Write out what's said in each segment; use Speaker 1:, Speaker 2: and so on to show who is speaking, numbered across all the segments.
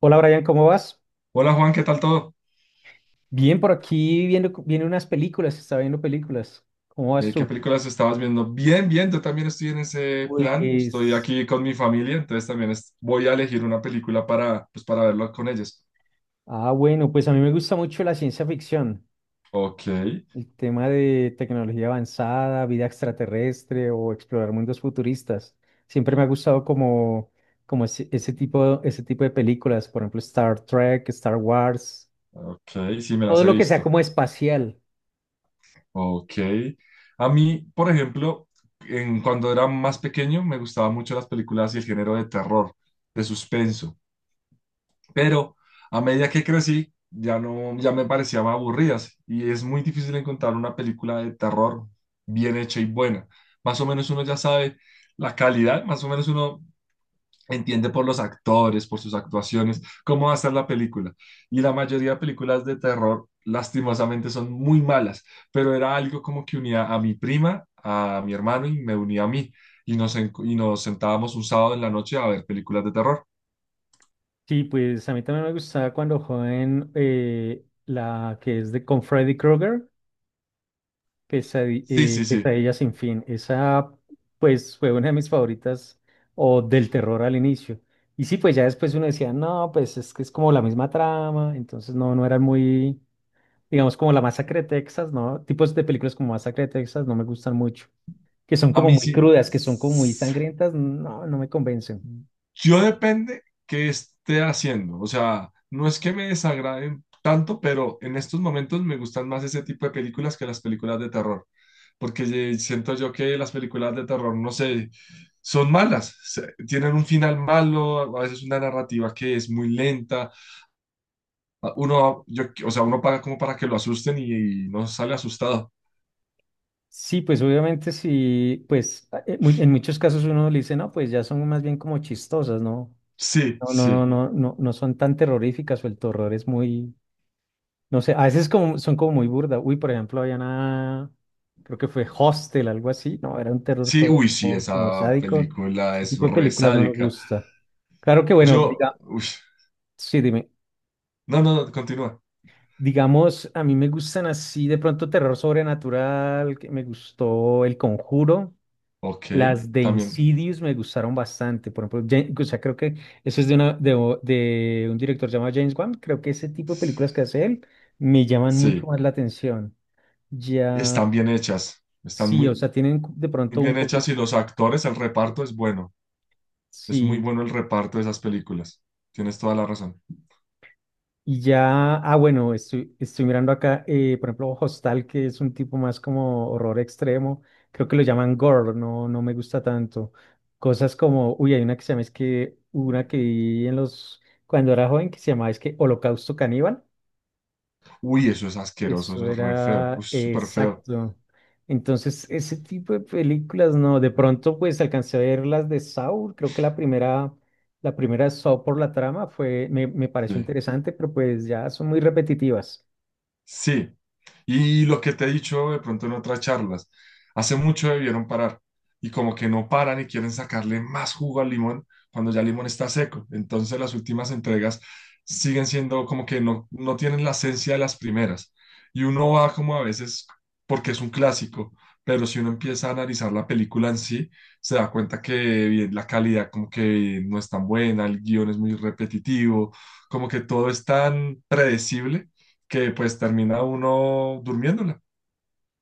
Speaker 1: Hola Brian, ¿cómo vas?
Speaker 2: Hola Juan, ¿qué tal todo?
Speaker 1: Bien, por aquí viendo, viene unas películas, está viendo películas. ¿Cómo vas
Speaker 2: ¿Qué
Speaker 1: tú?
Speaker 2: películas estabas viendo? Bien, yo también estoy en ese plan. Estoy
Speaker 1: Pues,
Speaker 2: aquí con mi familia, entonces también voy a elegir una película para, pues, para verlo con ellos.
Speaker 1: ah, bueno, pues a mí me gusta mucho la ciencia ficción,
Speaker 2: Ok,
Speaker 1: el tema de tecnología avanzada, vida extraterrestre o explorar mundos futuristas. Siempre me ha gustado como, como ese tipo, ese tipo de películas, por ejemplo, Star Trek, Star Wars,
Speaker 2: ok, sí me las
Speaker 1: todo
Speaker 2: he
Speaker 1: lo que sea
Speaker 2: visto.
Speaker 1: como espacial.
Speaker 2: Ok. A mí, por ejemplo, cuando era más pequeño me gustaban mucho las películas y el género de terror, de suspenso. Pero a medida que crecí, ya no, ya me parecían aburridas y es muy difícil encontrar una película de terror bien hecha y buena. Más o menos uno ya sabe la calidad, más o menos uno entiende por los actores, por sus actuaciones, cómo va a ser la película. Y la mayoría de películas de terror, lastimosamente, son muy malas, pero era algo como que unía a mi prima, a mi hermano y me unía a mí. Y nos sentábamos un sábado en la noche a ver películas de terror.
Speaker 1: Sí, pues a mí también me gustaba cuando joven la que es de con Freddy Krueger,
Speaker 2: Sí, sí, sí.
Speaker 1: Pesadilla sin fin. Esa pues fue una de mis favoritas o del terror al inicio. Y sí, pues ya después uno decía, no, pues es que es como la misma trama, entonces no, no era muy, digamos, como la Masacre de Texas, ¿no? Tipos de películas como Masacre de Texas no me gustan mucho, que son
Speaker 2: A
Speaker 1: como
Speaker 2: mí
Speaker 1: muy
Speaker 2: sí.
Speaker 1: crudas, que son como muy sangrientas, no, no me convencen.
Speaker 2: Yo depende qué esté haciendo. O sea, no es que me desagraden tanto, pero en estos momentos me gustan más ese tipo de películas que las películas de terror. Porque siento yo que las películas de terror, no sé, son malas. Tienen un final malo, a veces una narrativa que es muy lenta. Uno, yo, o sea, uno paga como para que lo asusten y no sale asustado.
Speaker 1: Sí, pues obviamente sí, pues en muchos casos uno le dice, no, pues ya son más bien como chistosas, ¿no?
Speaker 2: Sí,
Speaker 1: No, no, no,
Speaker 2: sí.
Speaker 1: no, no, no son tan terroríficas o el terror es muy, no sé, a veces como, son como muy burda. Uy, por ejemplo, había una, creo que fue Hostel, algo así, no, era un terror
Speaker 2: Sí,
Speaker 1: todo
Speaker 2: uy, sí,
Speaker 1: como, como
Speaker 2: esa
Speaker 1: sádico.
Speaker 2: película
Speaker 1: Ese
Speaker 2: es
Speaker 1: tipo de
Speaker 2: re
Speaker 1: películas no me
Speaker 2: sádica.
Speaker 1: gusta. Claro que bueno,
Speaker 2: Yo,
Speaker 1: diga,
Speaker 2: uy,
Speaker 1: sí, dime.
Speaker 2: no, no, no, continúa.
Speaker 1: Digamos, a mí me gustan así de pronto terror sobrenatural, que me gustó El Conjuro.
Speaker 2: Ok,
Speaker 1: Las de
Speaker 2: también.
Speaker 1: Insidious me gustaron bastante. Por ejemplo, o sea, creo que eso es de, una, de, de un director llamado James Wan. Creo que ese tipo de películas que hace él me llaman mucho
Speaker 2: Sí,
Speaker 1: más la atención. Ya,
Speaker 2: están bien hechas, están
Speaker 1: sí, o sea, tienen de
Speaker 2: muy
Speaker 1: pronto un
Speaker 2: bien hechas
Speaker 1: poquito.
Speaker 2: y los actores, el reparto es bueno, es muy
Speaker 1: Sí,
Speaker 2: bueno el reparto de esas películas. Tienes toda la razón.
Speaker 1: y ya, ah, bueno, estoy mirando acá, por ejemplo, Hostal, que es un tipo más como horror extremo, creo que lo llaman gore, no, no me gusta tanto. Cosas como, uy, hay una que se llama, es que, una que vi en los, cuando era joven, que se llamaba, es que Holocausto Caníbal,
Speaker 2: Uy, eso es asqueroso,
Speaker 1: eso
Speaker 2: eso es re feo, uy,
Speaker 1: era
Speaker 2: súper feo.
Speaker 1: exacto. Entonces, ese tipo de películas, no, de pronto, pues, alcancé a ver las de Saw, creo que la primera... La primera Saw por la trama fue, me pareció
Speaker 2: Sí,
Speaker 1: interesante, pero pues ya son muy repetitivas.
Speaker 2: sí. Y lo que te he dicho de pronto en otras charlas, hace mucho debieron parar y como que no paran y quieren sacarle más jugo al limón cuando ya el limón está seco. Entonces las últimas entregas siguen siendo como que no, no tienen la esencia de las primeras. Y uno va como a veces porque es un clásico, pero si uno empieza a analizar la película en sí, se da cuenta que bien, la calidad como que no es tan buena, el guión es muy repetitivo, como que todo es tan predecible que pues termina uno durmiéndola.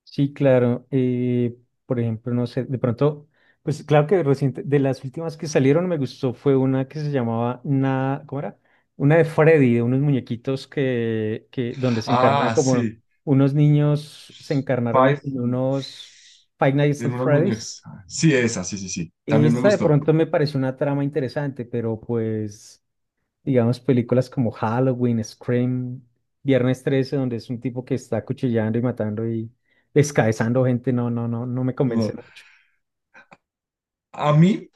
Speaker 1: Sí, claro. Por ejemplo, no sé, de pronto, pues claro que reciente, de las últimas que salieron me gustó fue una que se llamaba Na, ¿cómo era? Una de Freddy, de unos muñequitos que donde se encarnaba
Speaker 2: Ah,
Speaker 1: como
Speaker 2: sí.
Speaker 1: unos niños se encarnaron
Speaker 2: Five
Speaker 1: en unos Five Nights at
Speaker 2: en unos muñecos.
Speaker 1: Freddy's.
Speaker 2: Sí, esa, sí, sí, sí. También me
Speaker 1: Esta de
Speaker 2: gustó.
Speaker 1: pronto me pareció una trama interesante, pero pues digamos, películas como Halloween, Scream, Viernes 13, donde es un tipo que está acuchillando y matando y descabezando gente, no, no, no, no me convence
Speaker 2: No.
Speaker 1: mucho.
Speaker 2: A mí,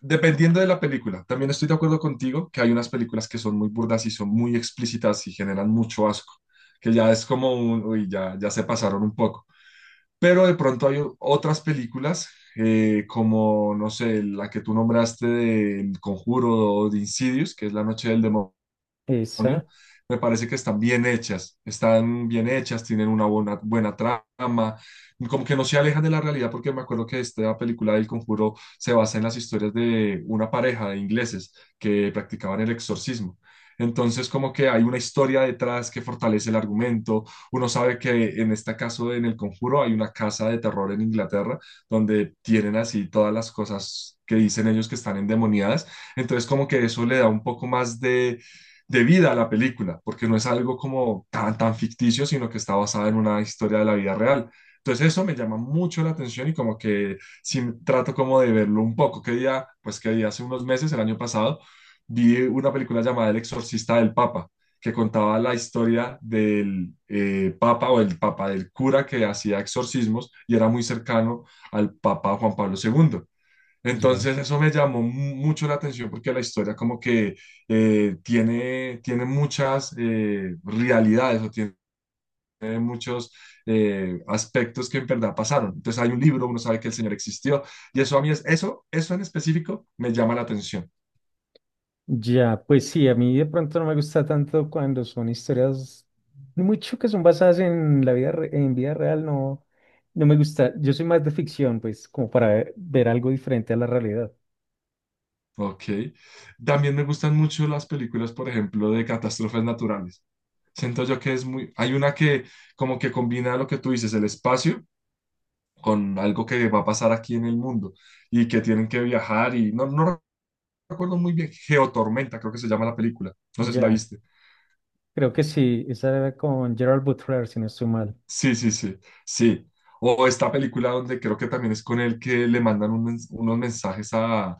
Speaker 2: dependiendo de la película, también estoy de acuerdo contigo que hay unas películas que son muy burdas y son muy explícitas y generan mucho asco, que ya es como un, uy, ya, ya se pasaron un poco. Pero de pronto hay otras películas como, no sé, la que tú nombraste de El Conjuro o de Insidious, que es La Noche del Demonio.
Speaker 1: Esa,
Speaker 2: Me parece que están bien hechas, tienen una buena, buena trama, como que no se alejan de la realidad, porque me acuerdo que esta película del Conjuro se basa en las historias de una pareja de ingleses que practicaban el exorcismo. Entonces, como que hay una historia detrás que fortalece el argumento. Uno sabe que en este caso, en El Conjuro, hay una casa de terror en Inglaterra donde tienen así todas las cosas que dicen ellos que están endemoniadas. Entonces, como que eso le da un poco más de vida a la película, porque no es algo como tan, tan ficticio, sino que está basada en una historia de la vida real. Entonces eso me llama mucho la atención y como que sí trato como de verlo un poco. Que día, pues que día hace unos meses, el año pasado, vi una película llamada El Exorcista del Papa, que contaba la historia del Papa o el Papa del cura que hacía exorcismos y era muy cercano al Papa Juan Pablo II.
Speaker 1: ya,
Speaker 2: Entonces eso me llamó mucho la atención porque la historia como que tiene, tiene muchas realidades o tiene muchos aspectos que en verdad pasaron. Entonces hay un libro, uno sabe que el Señor existió y eso a mí es, eso en específico me llama la atención.
Speaker 1: ya, pues sí, a mí de pronto no me gusta tanto cuando son historias mucho que son basadas en la vida, en vida real, no, no me gusta. Yo soy más de ficción, pues, como para ver, ver algo diferente a la realidad.
Speaker 2: Ok. También me gustan mucho las películas, por ejemplo, de catástrofes naturales. Siento yo que es muy, hay una que como que combina lo que tú dices, el espacio con algo que va a pasar aquí en el mundo y que tienen que viajar y no, no recuerdo muy bien, Geotormenta creo que se llama la película, no sé si la
Speaker 1: Ya,
Speaker 2: viste.
Speaker 1: creo que sí, esa era con Gerald Butler, si no estoy mal.
Speaker 2: Sí, sí, sí, sí. O esta película donde creo que también es con él que le mandan un unos mensajes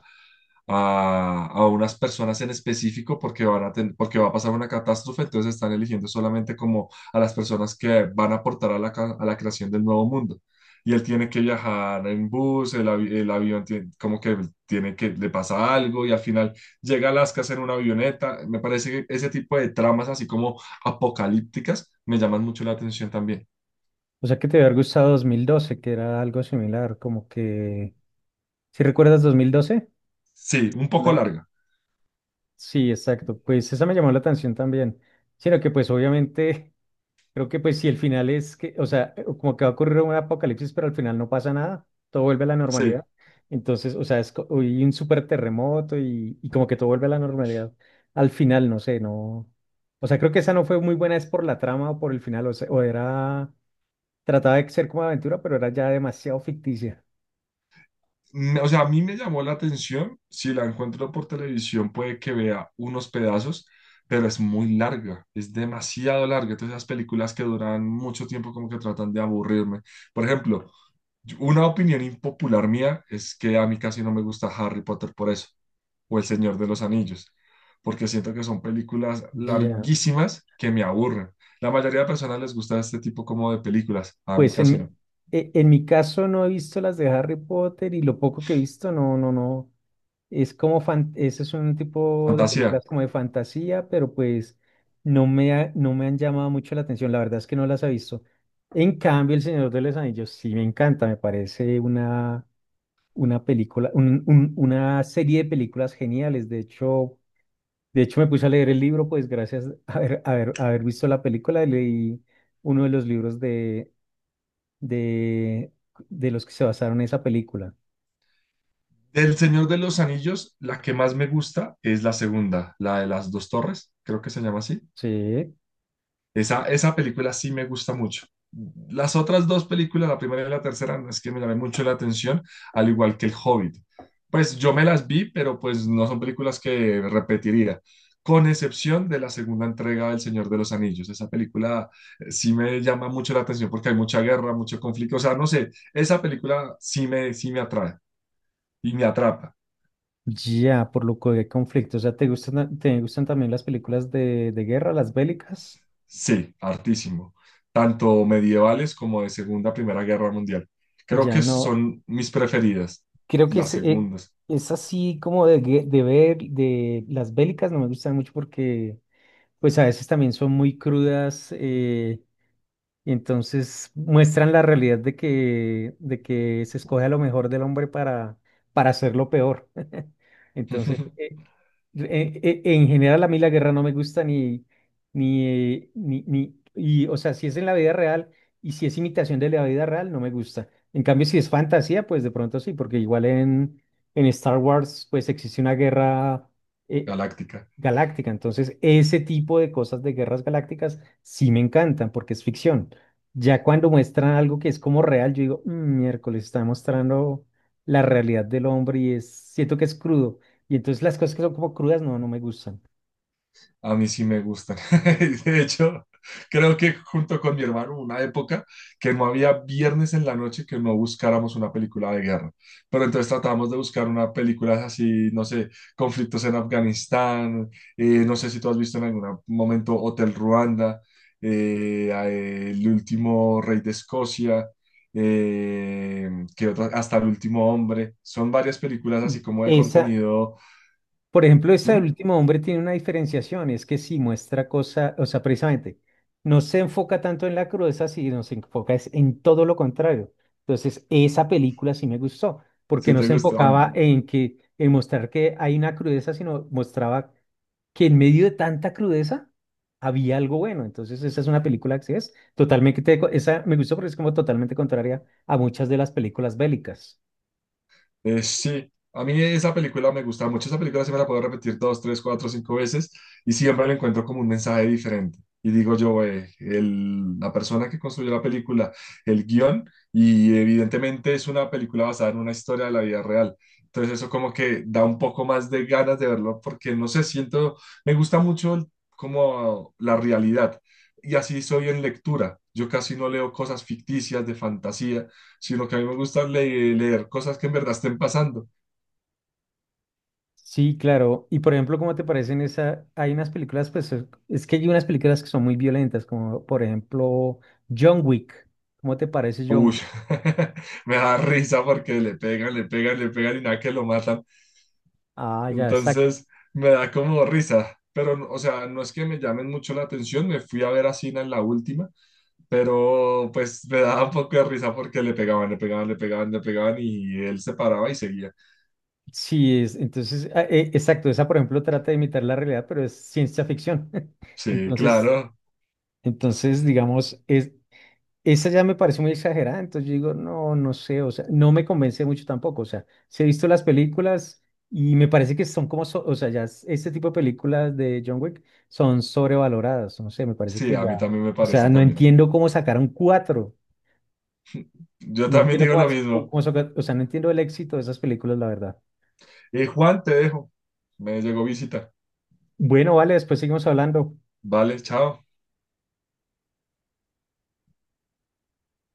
Speaker 2: a unas personas en específico porque van a porque va a pasar una catástrofe, entonces están eligiendo solamente como a las personas que van a aportar a la, a la creación del nuevo mundo. Y él tiene que viajar en bus, el, el avión tiene, como que tiene que le pasa algo y al final llega a Alaska en una avioneta. Me parece que ese tipo de tramas así como apocalípticas me llaman mucho la atención también.
Speaker 1: O sea que te había gustado 2012 que era algo similar, como que... ¿Si recuerdas 2012?
Speaker 2: Sí, un poco
Speaker 1: Una-
Speaker 2: larga.
Speaker 1: sí, exacto. Pues esa me llamó la atención también. Sino que pues obviamente creo que pues si el final es que, o sea, como que va a ocurrir un apocalipsis, pero al final no pasa nada, todo vuelve a la
Speaker 2: Sí.
Speaker 1: normalidad. Entonces, o sea, y un súper terremoto y como que todo vuelve a la normalidad. Al final, no sé, no... O sea, creo que esa no fue muy buena, es por la trama o por el final, o sea, o era... Trataba de ser como aventura, pero era ya demasiado ficticia.
Speaker 2: O sea, a mí me llamó la atención, si la encuentro por televisión puede que vea unos pedazos, pero es muy larga, es demasiado larga. Entonces, esas películas que duran mucho tiempo como que tratan de aburrirme. Por ejemplo, una opinión impopular mía es que a mí casi no me gusta Harry Potter por eso, o El Señor de los Anillos, porque siento que son películas
Speaker 1: Ya,
Speaker 2: larguísimas que me aburren. La mayoría de personas les gusta este tipo como de películas, a mí
Speaker 1: pues en
Speaker 2: casi no.
Speaker 1: mi, en mi caso no he visto las de Harry Potter y lo poco que he visto, no, no, no. Es como fan, ese es un tipo de
Speaker 2: Fantasía.
Speaker 1: películas como de fantasía, pero pues no me han llamado mucho la atención. La verdad es que no las he visto. En cambio, El Señor de los Anillos sí me encanta, me parece una película, una serie de películas geniales. De hecho me puse a leer el libro, pues gracias a haber visto la película, leí uno de los libros de, de los que se basaron en esa película.
Speaker 2: Del Señor de los Anillos, la que más me gusta es la segunda, la de las dos torres, creo que se llama así.
Speaker 1: Sí,
Speaker 2: Esa película sí me gusta mucho. Las otras dos películas, la primera y la tercera, no es que me llamé mucho la atención, al igual que El Hobbit. Pues yo me las vi, pero pues no son películas que repetiría, con excepción de la segunda entrega del Señor de los Anillos. Esa película sí me llama mucho la atención porque hay mucha guerra, mucho conflicto. O sea, no sé, esa película sí me atrae y me atrapa.
Speaker 1: ya, por lo que de conflicto. O sea, ¿te gustan también las películas de guerra, las bélicas?
Speaker 2: Sí, hartísimo. Tanto medievales como de Segunda, Primera Guerra Mundial. Creo
Speaker 1: Ya
Speaker 2: que
Speaker 1: no.
Speaker 2: son mis preferidas,
Speaker 1: Creo que
Speaker 2: las segundas.
Speaker 1: es así como de, de ver, de las bélicas no me gustan mucho porque, pues a veces también son muy crudas. Y entonces muestran la realidad de que se escoge a lo mejor del hombre para hacerlo peor. Entonces, en general, a mí la guerra no me gusta ni, ni y, o sea, si es en la vida real y si es imitación de la vida real, no me gusta. En cambio, si es fantasía, pues de pronto sí, porque igual en Star Wars, pues existe una guerra. eh,
Speaker 2: Galáctica.
Speaker 1: Galáctica. Entonces, ese tipo de cosas de guerras galácticas sí me encantan porque es ficción. Ya cuando muestran algo que es como real, yo digo, "Mm, miércoles, está mostrando la realidad del hombre y es, siento que es crudo. Y entonces las cosas que son como crudas, no, no me gustan.
Speaker 2: A mí sí me gustan. De hecho, creo que junto con mi hermano, hubo una época que no había viernes en la noche que no buscáramos una película de guerra. Pero entonces tratamos de buscar una película así, no sé, conflictos en Afganistán, no sé si tú has visto en algún momento Hotel Ruanda, El último rey de Escocia. eh, ¿Qué otra? Hasta el último hombre, son varias películas así como de
Speaker 1: Esa,
Speaker 2: contenido.
Speaker 1: por ejemplo, este del
Speaker 2: Dime,
Speaker 1: último hombre tiene una diferenciación, es que sí muestra cosa, o sea, precisamente, no se enfoca tanto en la crudeza, sino se enfoca es en todo lo contrario. Entonces, esa película sí me gustó, porque
Speaker 2: si
Speaker 1: no
Speaker 2: te
Speaker 1: se
Speaker 2: gustó.
Speaker 1: enfocaba en que en mostrar que hay una crudeza, sino mostraba que en medio de tanta crudeza había algo bueno. Entonces, esa es una película que sí es totalmente, esa me gustó porque es como totalmente contraria a muchas de las películas bélicas.
Speaker 2: Sí, a mí esa película me gusta mucho. Esa película se me la puedo repetir dos, tres, cuatro, cinco veces y siempre le encuentro como un mensaje diferente. Y digo yo, la persona que construyó la película, el guión, y evidentemente es una película basada en una historia de la vida real. Entonces eso como que da un poco más de ganas de verlo porque no sé, siento, me gusta mucho como la realidad. Y así soy en lectura. Yo casi no leo cosas ficticias de fantasía si lo que a mí me gusta es leer cosas que en verdad estén pasando.
Speaker 1: Sí, claro. Y por ejemplo, ¿cómo te parecen esa? Hay unas películas, pues es que hay unas películas que son muy violentas, como por ejemplo John Wick. ¿Cómo te parece John
Speaker 2: Uy,
Speaker 1: Wick?
Speaker 2: me da risa porque le pegan, le pegan, le pegan y nada que lo matan.
Speaker 1: Ah, ya, exacto.
Speaker 2: Entonces me da como risa. Pero, o sea, no es que me llamen mucho la atención. Me fui a ver a Sina en la última, pero pues me daba un poco de risa porque le pegaban, le pegaban, le pegaban, le pegaban y él se paraba y seguía.
Speaker 1: Sí, es, entonces, exacto, esa por ejemplo trata de imitar la realidad, pero es ciencia ficción.
Speaker 2: Sí,
Speaker 1: Entonces,
Speaker 2: claro.
Speaker 1: entonces, digamos, es, esa ya me parece muy exagerada, entonces yo digo, no, no sé, o sea, no me convence mucho tampoco, o sea, sí he visto las películas y me parece que son como, o sea, ya este tipo de películas de John Wick son sobrevaloradas, no sé, me parece
Speaker 2: Sí,
Speaker 1: que
Speaker 2: a
Speaker 1: ya,
Speaker 2: mí también me
Speaker 1: o sea,
Speaker 2: parece
Speaker 1: no
Speaker 2: también.
Speaker 1: entiendo cómo sacaron cuatro,
Speaker 2: Yo
Speaker 1: no
Speaker 2: también
Speaker 1: entiendo
Speaker 2: digo lo
Speaker 1: cómo,
Speaker 2: mismo.
Speaker 1: o sea, no entiendo el éxito de esas películas, la verdad.
Speaker 2: Y Juan, te dejo. Me llegó visita.
Speaker 1: Bueno, vale, después seguimos hablando.
Speaker 2: Vale, chao.